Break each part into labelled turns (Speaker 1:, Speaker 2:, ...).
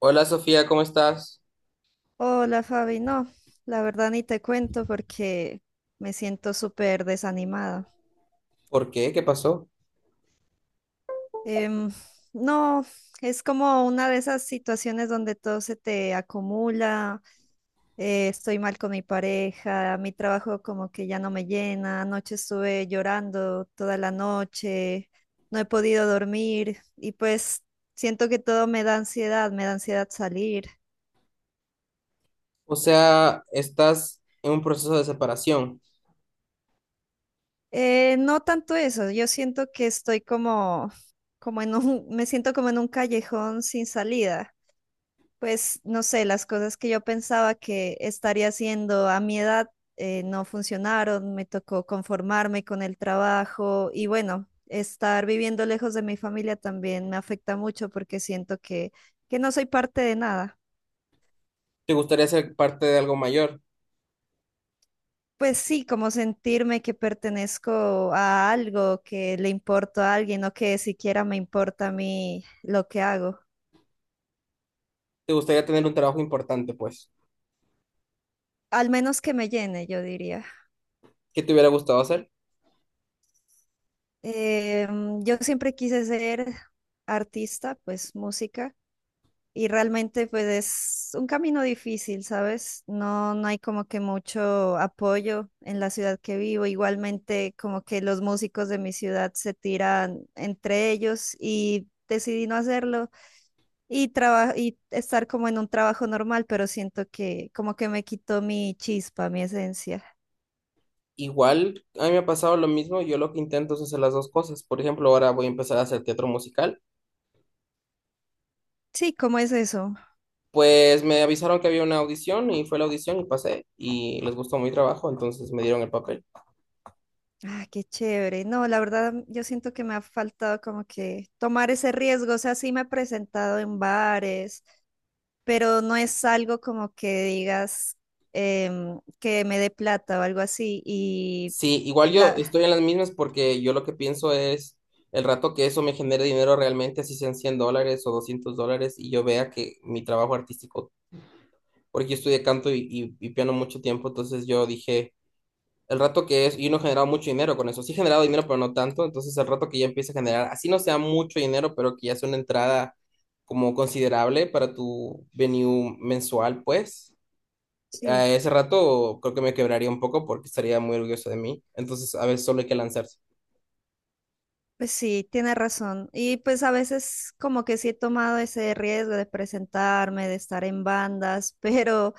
Speaker 1: Hola Sofía, ¿cómo estás?
Speaker 2: Hola Fabi, no, la verdad ni te cuento porque me siento súper desanimada.
Speaker 1: ¿Por qué? ¿Qué pasó?
Speaker 2: Em, no, es como una de esas situaciones donde todo se te acumula, estoy mal con mi pareja, mi trabajo como que ya no me llena, anoche estuve llorando toda la noche, no he podido dormir y pues siento que todo me da ansiedad salir.
Speaker 1: O sea, estás en un proceso de separación.
Speaker 2: No tanto eso, yo siento que estoy como, me siento como en un callejón sin salida. Pues no sé, las cosas que yo pensaba que estaría haciendo a mi edad no funcionaron, me tocó conformarme con el trabajo y bueno, estar viviendo lejos de mi familia también me afecta mucho porque siento que no soy parte de nada.
Speaker 1: ¿Te gustaría ser parte de algo mayor?
Speaker 2: Pues sí, como sentirme que pertenezco a algo, que le importo a alguien o que siquiera me importa a mí lo que hago.
Speaker 1: ¿Te gustaría tener un trabajo importante, pues?
Speaker 2: Al menos que me llene, yo diría.
Speaker 1: ¿Qué te hubiera gustado hacer?
Speaker 2: Yo siempre quise ser artista, pues música, y realmente pues es un camino difícil, ¿sabes? No hay como que mucho apoyo en la ciudad que vivo. Igualmente como que los músicos de mi ciudad se tiran entre ellos y decidí no hacerlo y, y estar como en un trabajo normal, pero siento que como que me quitó mi chispa, mi esencia.
Speaker 1: Igual, a mí me ha pasado lo mismo. Yo lo que intento es hacer las dos cosas. Por ejemplo, ahora voy a empezar a hacer teatro musical.
Speaker 2: Sí, ¿cómo es eso?
Speaker 1: Pues me avisaron que había una audición y fue la audición y pasé y les gustó mi trabajo, entonces me dieron el papel.
Speaker 2: Ah, qué chévere. No, la verdad, yo siento que me ha faltado como que tomar ese riesgo. O sea, sí me he presentado en bares, pero no es algo como que digas que me dé plata o algo así.
Speaker 1: Sí, igual
Speaker 2: Y
Speaker 1: yo
Speaker 2: la,
Speaker 1: estoy en las mismas porque yo lo que pienso es el rato que eso me genere dinero realmente, así sean $100 o $200, y yo vea que mi trabajo artístico, porque yo estudié canto y piano mucho tiempo, entonces yo dije, el rato que es, y no he generado mucho dinero con eso, sí he generado dinero, pero no tanto, entonces el rato que ya empiece a generar, así no sea mucho dinero, pero que ya sea una entrada como considerable para tu venue mensual, pues. A
Speaker 2: sí.
Speaker 1: ese rato creo que me quebraría un poco porque estaría muy orgulloso de mí. Entonces, a veces solo hay que lanzarse.
Speaker 2: Pues sí, tiene razón. Y pues a veces como que sí he tomado ese riesgo de presentarme, de estar en bandas, pero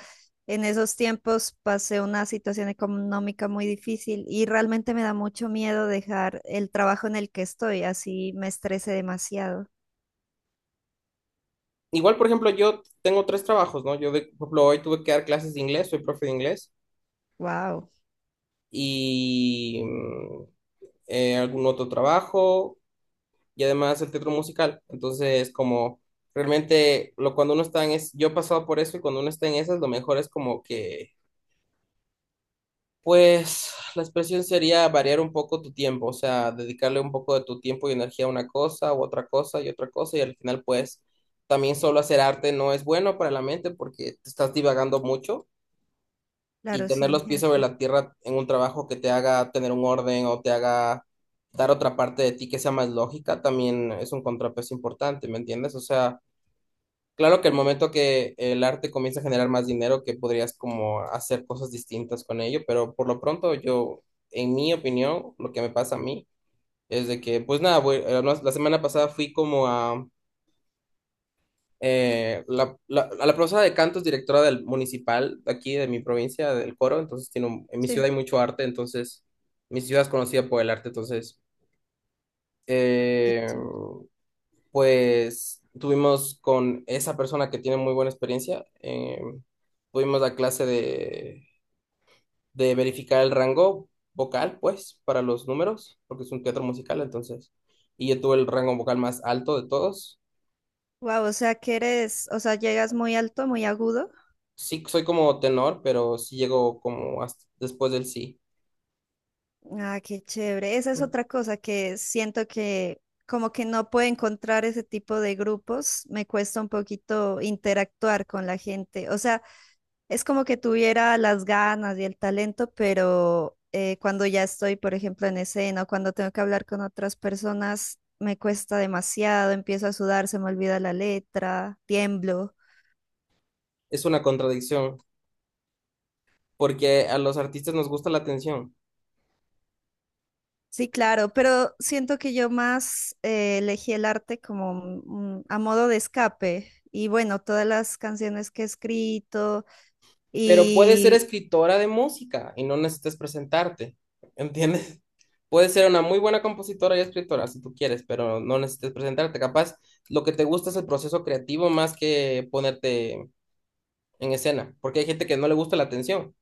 Speaker 2: en esos tiempos pasé una situación económica muy difícil y realmente me da mucho miedo dejar el trabajo en el que estoy, así me estresé demasiado.
Speaker 1: Igual, por ejemplo, yo tengo tres trabajos, ¿no? Yo, de, por ejemplo, hoy tuve que dar clases de inglés, soy profe de inglés,
Speaker 2: Wow.
Speaker 1: y algún otro trabajo, y además el teatro musical. Entonces, como realmente, lo, cuando uno está en es, yo he pasado por eso, y cuando uno está en esas, lo mejor es como que, pues, la expresión sería variar un poco tu tiempo, o sea, dedicarle un poco de tu tiempo y energía a una cosa, u otra cosa, y al final, pues, también solo hacer arte no es bueno para la mente porque te estás divagando mucho y
Speaker 2: Claro,
Speaker 1: tener
Speaker 2: sí,
Speaker 1: los pies sobre
Speaker 2: gente.
Speaker 1: la tierra en un trabajo que te haga tener un orden o te haga dar otra parte de ti que sea más lógica, también es un contrapeso importante, ¿me entiendes? O sea, claro que el momento que el arte comienza a generar más dinero, que podrías como hacer cosas distintas con ello, pero por lo pronto yo, en mi opinión, lo que me pasa a mí es de que, pues nada, no, la semana pasada fui como a la profesora de canto es directora del municipal de aquí de mi provincia, del coro, entonces en mi
Speaker 2: Sí.
Speaker 1: ciudad hay mucho arte, entonces mi ciudad es conocida por el arte, entonces eh, pues tuvimos con esa persona que tiene muy buena experiencia, tuvimos la clase de verificar el rango vocal, pues, para los números, porque es un teatro musical, entonces, y yo tuve el rango vocal más alto de todos.
Speaker 2: Wow, o sea que eres, o sea, llegas muy alto, muy agudo.
Speaker 1: Sí, soy como tenor, pero sí llego como hasta después del sí.
Speaker 2: Ah, qué chévere. Esa es
Speaker 1: ¿No?
Speaker 2: otra cosa que siento que como que no puedo encontrar ese tipo de grupos. Me cuesta un poquito interactuar con la gente. O sea, es como que tuviera las ganas y el talento, pero cuando ya estoy, por ejemplo, en escena o cuando tengo que hablar con otras personas, me cuesta demasiado. Empiezo a sudar, se me olvida la letra, tiemblo.
Speaker 1: Es una contradicción, porque a los artistas nos gusta la atención.
Speaker 2: Sí, claro, pero siento que yo más elegí el arte como a modo de escape. Y bueno, todas las canciones que he escrito.
Speaker 1: Pero puedes ser escritora de música y no necesitas presentarte, ¿entiendes? Puedes ser una muy buena compositora y escritora si tú quieres, pero no necesitas presentarte. Capaz lo que te gusta es el proceso creativo más que ponerte en escena, porque hay gente que no le gusta la atención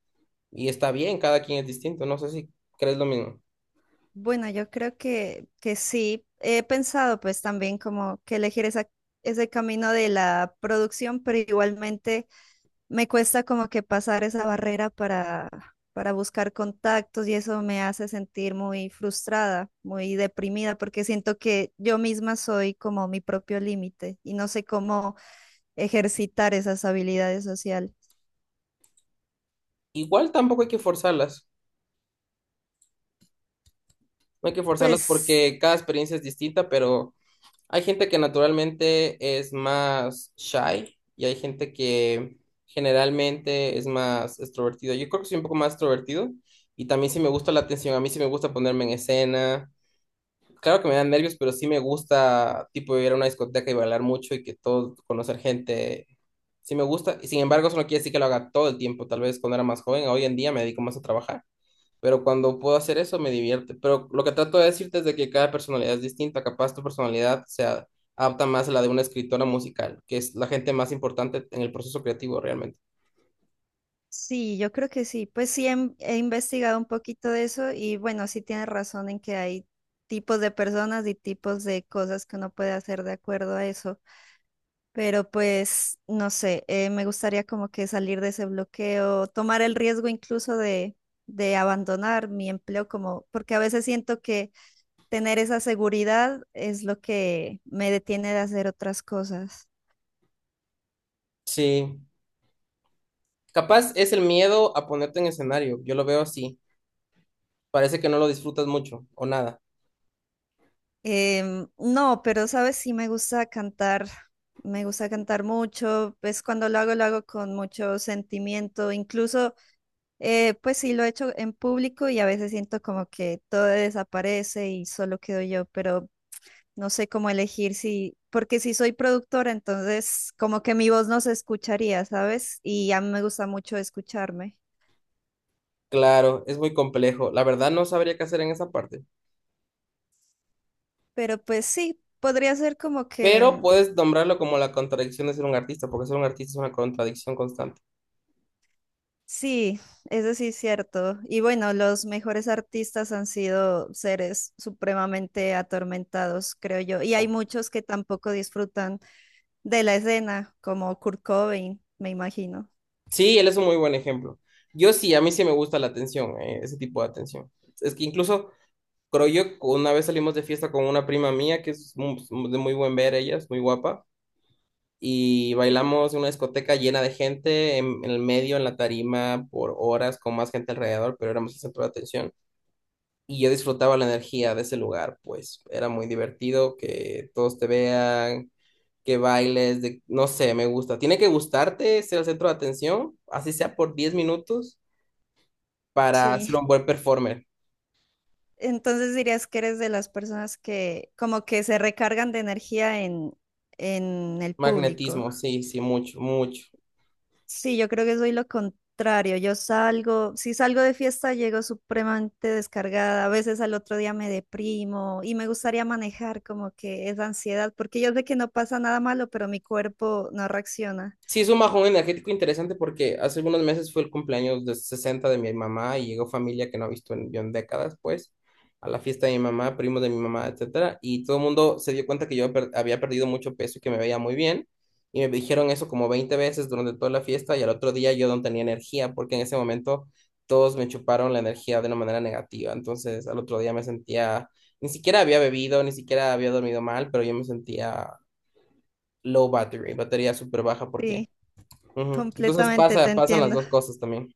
Speaker 1: y está bien, cada quien es distinto, no sé si crees lo mismo.
Speaker 2: Bueno, yo creo que sí. He pensado pues también como que elegir esa, ese camino de la producción, pero igualmente me cuesta como que pasar esa barrera para buscar contactos y eso me hace sentir muy frustrada, muy deprimida, porque siento que yo misma soy como mi propio límite y no sé cómo ejercitar esas habilidades sociales.
Speaker 1: Igual tampoco hay que forzarlas. No hay que forzarlas
Speaker 2: Pues
Speaker 1: porque cada experiencia es distinta, pero hay gente que naturalmente es más shy y hay gente que generalmente es más extrovertido. Yo creo que soy un poco más extrovertido y también sí me gusta la atención, a mí sí me gusta ponerme en escena. Claro que me dan nervios, pero sí me gusta tipo ir a una discoteca y bailar mucho y que todo, conocer gente, sí me gusta. Y sin embargo, eso no quiere decir que lo haga todo el tiempo, tal vez cuando era más joven, hoy en día me dedico más a trabajar, pero cuando puedo hacer eso me divierte. Pero lo que trato de decirte es de que cada personalidad es distinta. Capaz tu personalidad se adapta más a la de una escritora musical, que es la gente más importante en el proceso creativo realmente.
Speaker 2: sí, yo creo que sí. Pues sí, he investigado un poquito de eso y bueno, sí tienes razón en que hay tipos de personas y tipos de cosas que uno puede hacer de acuerdo a eso. Pero pues, no sé, me gustaría como que salir de ese bloqueo, tomar el riesgo incluso de abandonar mi empleo, como, porque a veces siento que tener esa seguridad es lo que me detiene de hacer otras cosas.
Speaker 1: Sí. Capaz es el miedo a ponerte en escenario. Yo lo veo así. Parece que no lo disfrutas mucho o nada.
Speaker 2: No, pero sabes, sí me gusta cantar mucho, pues cuando lo hago con mucho sentimiento, incluso, pues sí lo he hecho en público y a veces siento como que todo desaparece y solo quedo yo, pero no sé cómo elegir si, porque si soy productora, entonces como que mi voz no se escucharía, ¿sabes? Y a mí me gusta mucho escucharme,
Speaker 1: Claro, es muy complejo. La verdad no sabría qué hacer en esa parte.
Speaker 2: pero pues sí, podría ser como
Speaker 1: Pero
Speaker 2: que...
Speaker 1: puedes nombrarlo como la contradicción de ser un artista, porque ser un artista es una contradicción constante.
Speaker 2: Sí, eso sí es cierto. Y bueno, los mejores artistas han sido seres supremamente atormentados, creo yo. Y hay muchos que tampoco disfrutan de la escena, como Kurt Cobain, me imagino.
Speaker 1: Sí, él es un muy buen ejemplo. Yo sí, a mí sí me gusta la atención, ese tipo de atención. Es que incluso, creo yo, una vez salimos de fiesta con una prima mía, que es de muy buen ver ella, es muy guapa, y bailamos en una discoteca llena de gente, en el medio, en la tarima, por horas, con más gente alrededor, pero éramos el centro de atención. Y yo disfrutaba la energía de ese lugar, pues era muy divertido que todos te vean, que bailes, de, no sé, me gusta. Tiene que gustarte ser el centro de atención, así sea por 10 minutos para ser
Speaker 2: Sí.
Speaker 1: un buen performer.
Speaker 2: Entonces dirías que eres de las personas que como que se recargan de energía en el público.
Speaker 1: Magnetismo, sí, sí, mucho, mucho.
Speaker 2: Sí, yo creo que soy lo contrario. Yo salgo, si salgo de fiesta, llego supremamente descargada. A veces al otro día me deprimo y me gustaría manejar como que esa ansiedad, porque yo sé que no pasa nada malo, pero mi cuerpo no reacciona.
Speaker 1: Sí, es un bajón energético interesante porque hace algunos meses fue el cumpleaños de 60 de mi mamá y llegó familia que no ha visto en, yo en décadas, pues, a la fiesta de mi mamá, primos de mi mamá, etcétera, y todo el mundo se dio cuenta que yo había perdido mucho peso y que me veía muy bien, y me dijeron eso como 20 veces durante toda la fiesta y al otro día yo no tenía energía porque en ese momento todos me chuparon la energía de una manera negativa, entonces al otro día me sentía, ni siquiera había bebido, ni siquiera había dormido mal, pero yo me sentía low battery, batería súper baja porque.
Speaker 2: Sí,
Speaker 1: Ujú. Entonces
Speaker 2: completamente te
Speaker 1: pasa, pasan las
Speaker 2: entiendo.
Speaker 1: dos cosas también.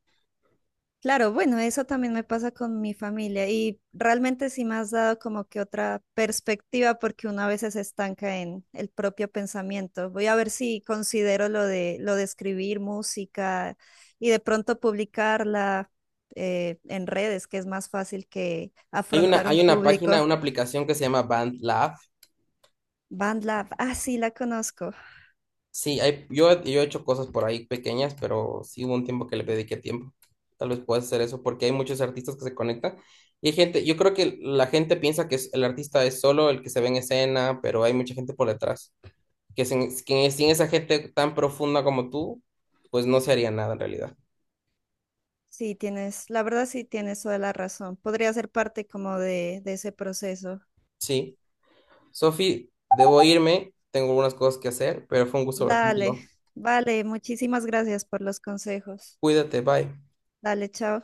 Speaker 2: Claro, bueno, eso también me pasa con mi familia y realmente sí me has dado como que otra perspectiva porque uno a veces se estanca en el propio pensamiento. Voy a ver si considero lo de escribir música y de pronto publicarla en redes, que es más fácil que
Speaker 1: Hay una,
Speaker 2: afrontar un
Speaker 1: hay una página,
Speaker 2: público.
Speaker 1: una aplicación que se llama BandLab.
Speaker 2: BandLab, ah, sí, la conozco.
Speaker 1: Sí, hay, yo he hecho cosas por ahí pequeñas, pero sí hubo un tiempo que le dediqué tiempo. Tal vez puedas hacer eso porque hay muchos artistas que se conectan. Y hay gente, yo creo que la gente piensa que el artista es solo el que se ve en escena, pero hay mucha gente por detrás. Que sin esa gente tan profunda como tú, pues no se haría nada en realidad.
Speaker 2: Sí, tienes, la verdad sí tienes toda la razón. Podría ser parte como de ese proceso.
Speaker 1: Sí. Sofi, debo irme, tengo algunas cosas que hacer, pero fue un gusto hablar
Speaker 2: Dale,
Speaker 1: contigo.
Speaker 2: vale, muchísimas gracias por los consejos.
Speaker 1: Cuídate, bye.
Speaker 2: Dale, chao.